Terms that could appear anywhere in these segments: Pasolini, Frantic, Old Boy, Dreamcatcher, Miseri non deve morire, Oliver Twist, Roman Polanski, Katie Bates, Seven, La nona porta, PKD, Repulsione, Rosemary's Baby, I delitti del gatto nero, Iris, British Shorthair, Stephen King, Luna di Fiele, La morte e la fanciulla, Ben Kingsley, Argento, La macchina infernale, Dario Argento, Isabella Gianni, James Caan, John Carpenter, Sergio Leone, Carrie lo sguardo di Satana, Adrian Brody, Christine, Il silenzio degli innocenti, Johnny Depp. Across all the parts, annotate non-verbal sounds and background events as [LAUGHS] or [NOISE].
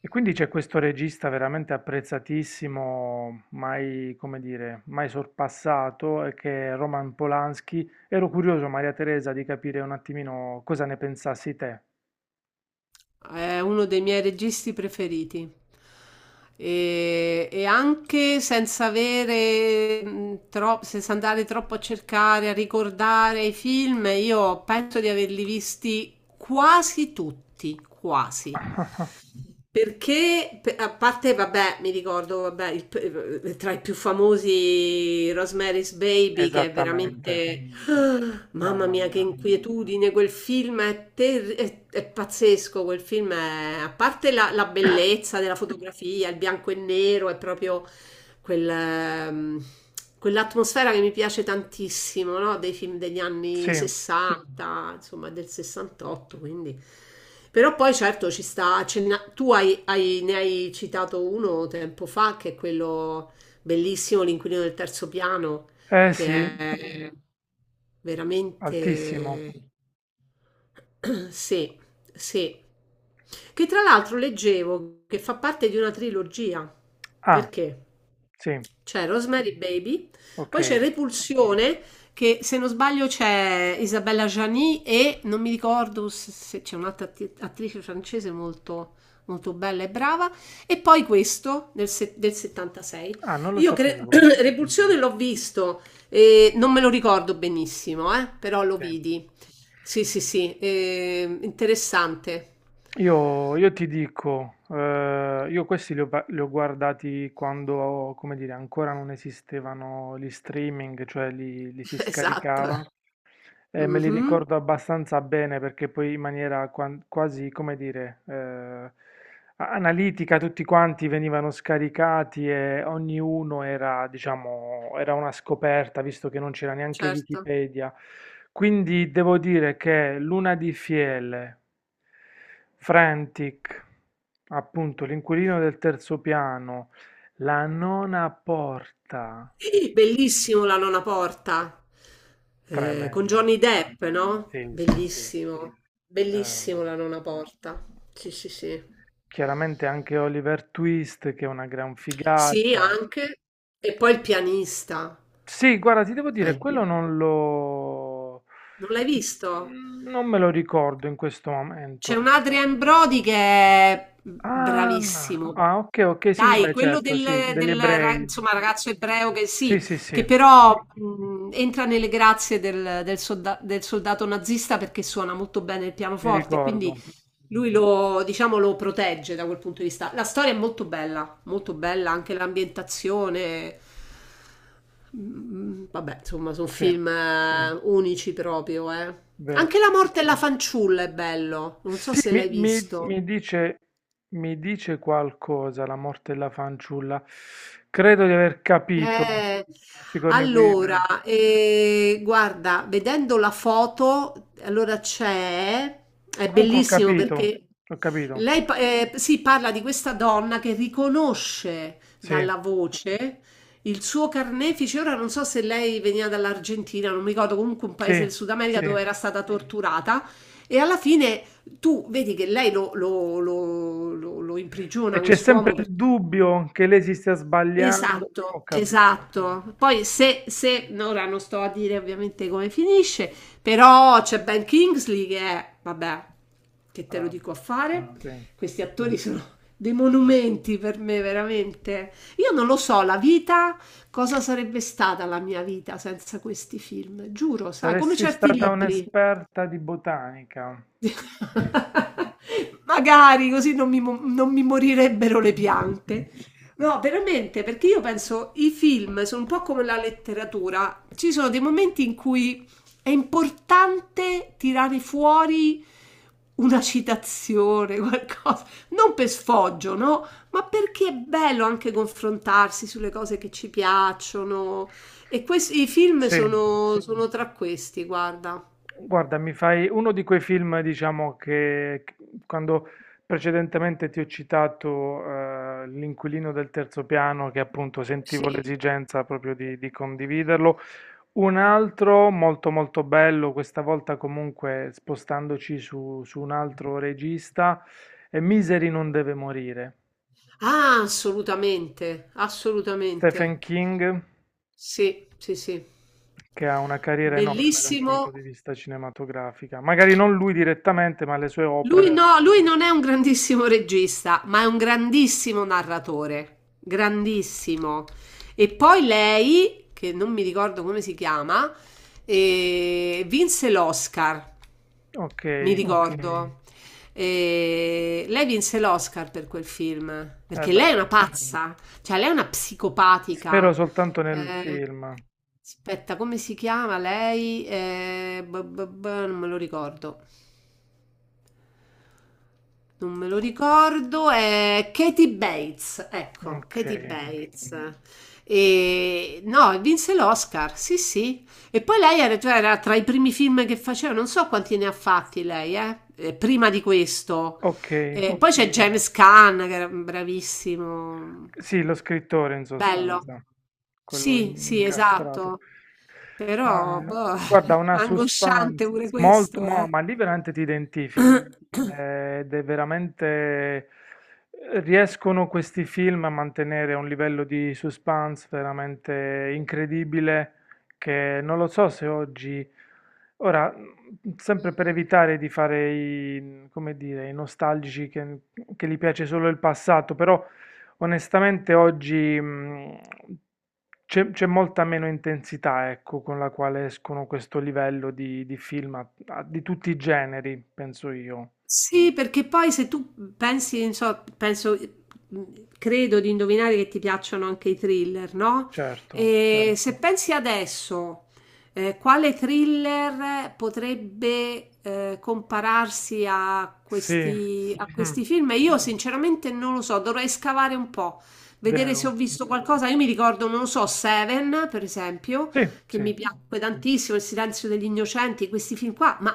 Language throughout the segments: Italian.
E quindi c'è questo regista veramente apprezzatissimo, mai, come dire, mai sorpassato, che è Roman Polanski. Ero curioso, Maria Teresa, di capire un attimino cosa ne pensassi te. È uno dei miei registi preferiti. E anche senza andare troppo a cercare, a ricordare i film, io penso di averli visti quasi tutti, quasi. [LAUGHS] Perché, a parte, vabbè, mi ricordo, vabbè, tra i più famosi Rosemary's Baby, che è Esattamente, veramente. [LAUGHS] Ah, mamma mamma mia, che mia. inquietudine, quel film è pazzesco, quel film è. A parte la bellezza della fotografia, il bianco e nero, è proprio quel, ehm, quell'atmosfera che mi piace tantissimo, no? Dei film degli anni Sì, 60, insomma del 68, quindi. Però poi certo ci sta, ce n'ha- tu hai- hai- ne hai citato uno tempo fa, che è quello bellissimo, L'inquilino del terzo piano, eh che sì, è altissimo. veramente. [CLEARS THROAT] Sì, sì. Che tra l'altro leggevo che fa parte di una trilogia. Ah, Perché? sì, C'è Rosemary Baby, ok. poi c'è Repulsione, che se non sbaglio c'è Isabella Gianni e non mi ricordo se c'è un'altra attrice francese molto, molto bella e brava, e poi questo del, se- del 76. Ah, non lo Io cre- [CLEARS THROAT] sapevo. Repulsione l'ho visto, e non me lo ricordo benissimo, però lo Sì. vidi. Sì, sì, sì, interessante. Io ti dico, io questi li ho guardati quando, come dire, ancora non esistevano gli streaming, cioè li si [LAUGHS] Esatto. scaricava e me li Mhm, ricordo abbastanza bene perché poi in maniera quasi, come dire, analitica, tutti quanti venivano scaricati e ognuno era, diciamo, era una scoperta, visto che non c'era neanche certo. Wikipedia. Quindi devo dire che Luna di Fiele, Frantic, appunto, l'inquilino del terzo piano, la nona porta, Bellissimo La nona porta, con tremendo. Johnny Depp, no? Sì, sì, sì. Bellissimo, Eh, bellissimo La nona porta. Sì, sì, sì. Chiaramente anche Oliver Twist, che è una gran Sì, figata. anche. E poi il pianista. Sì, guarda, ti devo Cioè, dire, quello non lo. non l'hai visto? Non me lo ricordo in questo C'è un momento. Adrian Brody che è Ah, bravissimo. ah, ok, ok, sì, sì, Dai, beh, quello certo, sì, del, degli del ra- ebrei. insomma, ragazzo ebreo che Sì, sì, sì, sì, che però entra nelle grazie del soldato nazista perché suona molto bene il mi pianoforte, ricordo, quindi lui lo, diciamo, lo protegge da quel punto di vista. La storia è molto bella, anche l'ambientazione. Vabbè, insomma, sono sì, film unici proprio, eh. vero. Anche La morte e la fanciulla è bello. Non so Sì, se mi, l'hai mi- visto. mi dice, mi dice qualcosa la morte della fanciulla. Credo di aver capito, Eh, Sigourney Weaver. allora, guarda, vedendo la foto, è Comunque ho bellissimo capito, perché ho capito. Si parla di questa donna che riconosce Sì, dalla voce il suo carnefice. Ora non so se lei veniva dall'Argentina, non mi ricordo, comunque un paese sì, del Sud America sì. dove era stata torturata. E alla fine tu vedi che lei lo E imprigiona c'è sempre quest'uomo il perché. dubbio che lei si stia sbagliando. Ho Esatto, capito. esatto. Poi Mm, se, se, no, ora non sto a dire ovviamente come finisce, però c'è Ben Kingsley che è, vabbè, che te lo Bravo. dico a fare. Sì. Questi attori sono dei monumenti per me, veramente. Io non lo so, cosa sarebbe stata la mia vita senza questi film? Giuro, sai, come Saresti certi stata libri. un'esperta di botanica. [LAUGHS] Magari così non mi morirebbero le piante. No, veramente, perché io penso i film sono un po' come la letteratura. Ci sono dei momenti in cui è importante tirare fuori una citazione, [LAUGHS] qualcosa, non per sfoggio, no? Ma perché è bello anche confrontarsi sulle cose che ci piacciono. E i film Sì. sono tra questi, guarda. Guarda, mi fai uno di quei film, diciamo, che quando precedentemente ti ho citato L'inquilino del terzo piano, che appunto sentivo Sì, l'esigenza proprio di condividerlo. Un altro molto molto bello, questa volta comunque spostandoci su un altro regista, è Miseri non deve morire. ah, assolutamente, Stephen assolutamente. King, Sì, sì, sì. Vero. che ha una carriera enorme dal punto Bellissimo. di vista cinematografica. Magari non lui direttamente, ma le sue Lui opere. no, lui non è un grandissimo regista, ma è un grandissimo narratore, grandissimo. E poi lei, che non mi ricordo come si chiama, vinse l'Oscar, Ok, mi, ok, eh ricordo. Lei vinse l'Oscar per quel film, perché beh, lei è una pazza, cioè lei è una spero psicopatica. soltanto nel Eh, film. aspetta, come si chiama lei? Non me lo ricordo. Non me lo ricordo, è Katie Bates, ecco, Ok, Katie Bates. E no, e vinse l'Oscar, sì, sì. E poi lei era, cioè, era tra i primi film che faceva, non so quanti ne ha fatti lei, prima di questo. ok. Poi c'è James Caan, che era bravissimo. Sì, lo scrittore in Bello. sostanza, quello Sì, sì, incastrato. esatto. Però, Ma boh, guarda, [LAUGHS] una angosciante suspense pure molto, questo, no, eh. ma lì veramente ti identifichi. Ed è veramente, riescono questi film a mantenere un livello di suspense veramente incredibile che non lo so se oggi. Ora, sempre per evitare di fare i, come dire, i nostalgici che gli piace solo il passato, però onestamente oggi c'è molta meno intensità, ecco, con la quale escono questo livello di film di tutti i generi, penso io. Sì, perché poi se tu pensi, non so, mm, credo di indovinare che ti piacciono anche i thriller, no? Certo. E certo, se pensi adesso, quale thriller potrebbe compararsi Sì, a Mm, questi film? Io sinceramente non lo so, dovrei scavare un po', vedere se ho vero. visto qualcosa. Io mi ricordo, non lo so, Seven, per esempio, Sì, che sì. mi piacque tantissimo, Il silenzio degli innocenti, questi film qua, ma.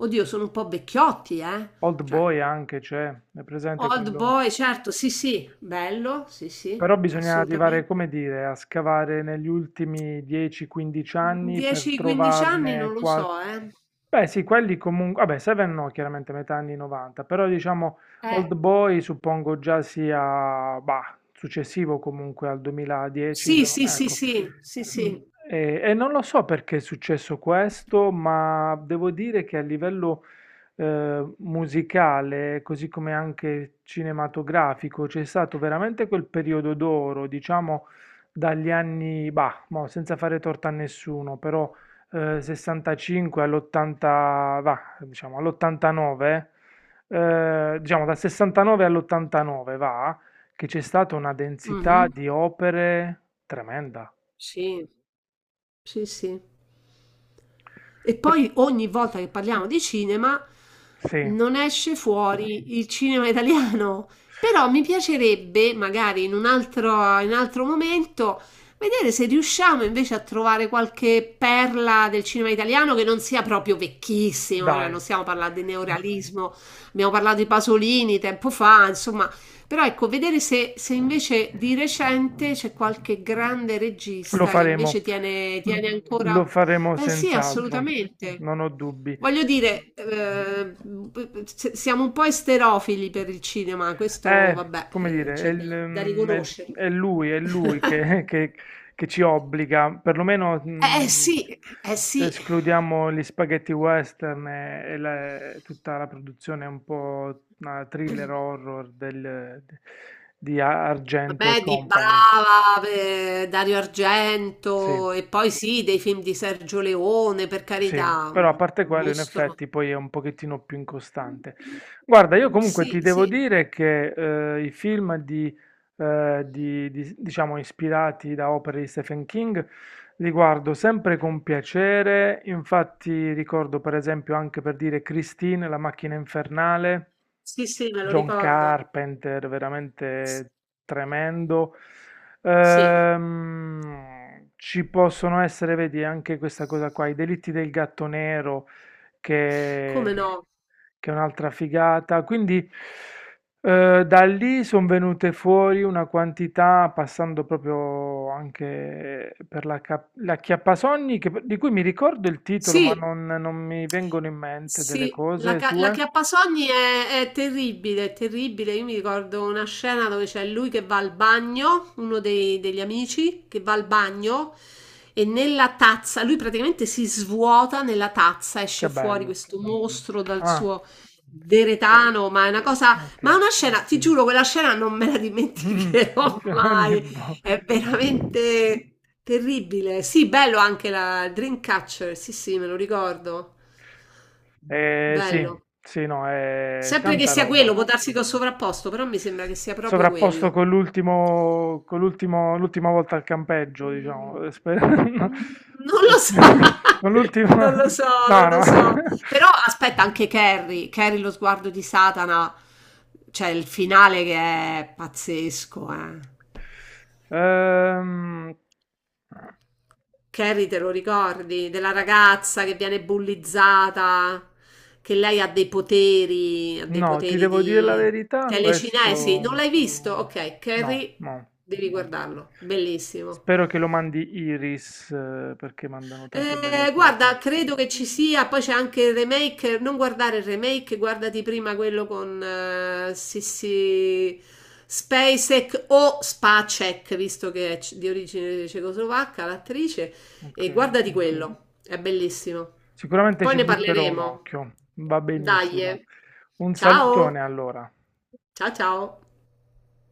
Oddio, sono un po' vecchiotti, eh? Old Cioè, Boy anche c'è, è presente Old quello? Boy, certo, sì, sì, bello, sì, sì, Però bisogna arrivare, assolutamente. come dire, a scavare negli ultimi 10-15 anni per 10-15 anni non trovarne lo qual. so, eh. Beh, sì, quelli comunque. Vabbè, Seven no, chiaramente metà anni 90, però diciamo Eh, Old Boy suppongo già sia, bah, successivo comunque al 2010, sì, sì, sì, ecco. sì, sì, Mh, sì. e non lo so perché è successo questo, ma devo dire che a livello, musicale, così come anche cinematografico, c'è stato veramente quel periodo d'oro, diciamo dagli anni, bah, mo senza fare torto a nessuno, però, 65 all'80 va, diciamo all'89, diciamo dal 69 all'89 va, che c'è stata una densità Mhm, di opere tremenda. sì. Sì, sì. E Per poi ogni volta che parliamo di cinema sì, non esce fuori il cinema italiano. Però mi piacerebbe, magari in un altro momento, vedere se riusciamo invece a trovare qualche perla del cinema italiano che non sia proprio vecchissimo. Cioè, non dai. stiamo parlando di neorealismo, abbiamo parlato di Pasolini tempo fa, insomma. Però ecco, vedere se, se invece di recente c'è qualche grande Lo regista che faremo. invece tiene, tiene ancora. Lo faremo Eh sì, senz'altro, assolutamente. non ho dubbi. Voglio dire, siamo un po' esterofili per il cinema, questo È, vabbè, come dire, è, c'è il, da, da è riconoscerlo. è lui, è [LAUGHS] lui che, [LAUGHS] che- che ci obbliga, perlomeno Eh sì, eh se sì. escludiamo gli spaghetti western e tutta la produzione un po' thriller horror di Argento e Vabbè, di Company. Bava, Dario Sì. Argento e poi sì, dei film di Sergio Leone, per Sì, carità, però a un parte un quello, in mostro. effetti, poi è un pochettino più incostante. Guarda, io Mhmm, comunque sì, ti Okay. devo sì. dire che i film diciamo, ispirati da opere di Stephen King li guardo sempre con piacere. Infatti, ricordo per esempio anche per dire Christine, La macchina infernale, Sì, sì, me lo John ricordo. Carpenter, S veramente tremendo. Sì, Ci possono essere, vedi, anche questa cosa qua, i delitti del gatto nero, come che, no. che è un'altra figata. Quindi da lì sono venute fuori una quantità, passando proprio anche per la Chiappasogni, di cui mi ricordo il titolo, ma Sì. non mi vengono in mente delle Sì, la, cose ca- la sue. acchiappasogni è terribile, è terribile. Io mi ricordo una scena dove c'è lui che va al bagno, uno degli amici che va al bagno e nella tazza, lui praticamente si svuota nella tazza, Che esce fuori bello. questo mostro dal Ah, suo eh, deretano, ok. ma è una scena, ti giuro, quella scena non me la Mh-mh. [LAUGHS] dimenticherò [LAUGHS] Cioè ogni mai. vo. È veramente terribile. Sì, bello anche la Dreamcatcher, sì, sì, me lo ricordo. Sì, Bello. sì, no, è Sempre che tanta sia quello, roba. può darsi che ho sovrapposto, però mi sembra che sia proprio Sovrapposto quello. con l'ultimo l'ultima volta al campeggio, Mm, diciamo, mm, e spe [LAUGHS] Non lo so, con [LAUGHS] non l'ultima lo so, no, non lo so. no. Però aspetta anche Carrie, Carrie lo sguardo di Satana, cioè il finale che è pazzesco, eh. Ehm, Carrie, te lo ricordi? Della ragazza che viene bullizzata, che lei ha dei no, ti poteri devo dire la di verità, telecinesi. Non questo l'hai visto? Ok, no, Carrie, no. devi guardarlo. Bellissimo. Spero che lo mandi Iris, perché mandano tante belle cose. Guarda, credo che ci sia, poi c'è anche il remake, non guardare il remake, guardati prima quello con Sissi Spacek o Spacek, visto che è di origine cecoslovacca l'attrice, Ok. e guardati quello, è bellissimo. Sicuramente Poi ci ne butterò un parleremo. occhio. Va Dai, benissimo. eh. Un Ciao, salutone allora. ciao, ciao.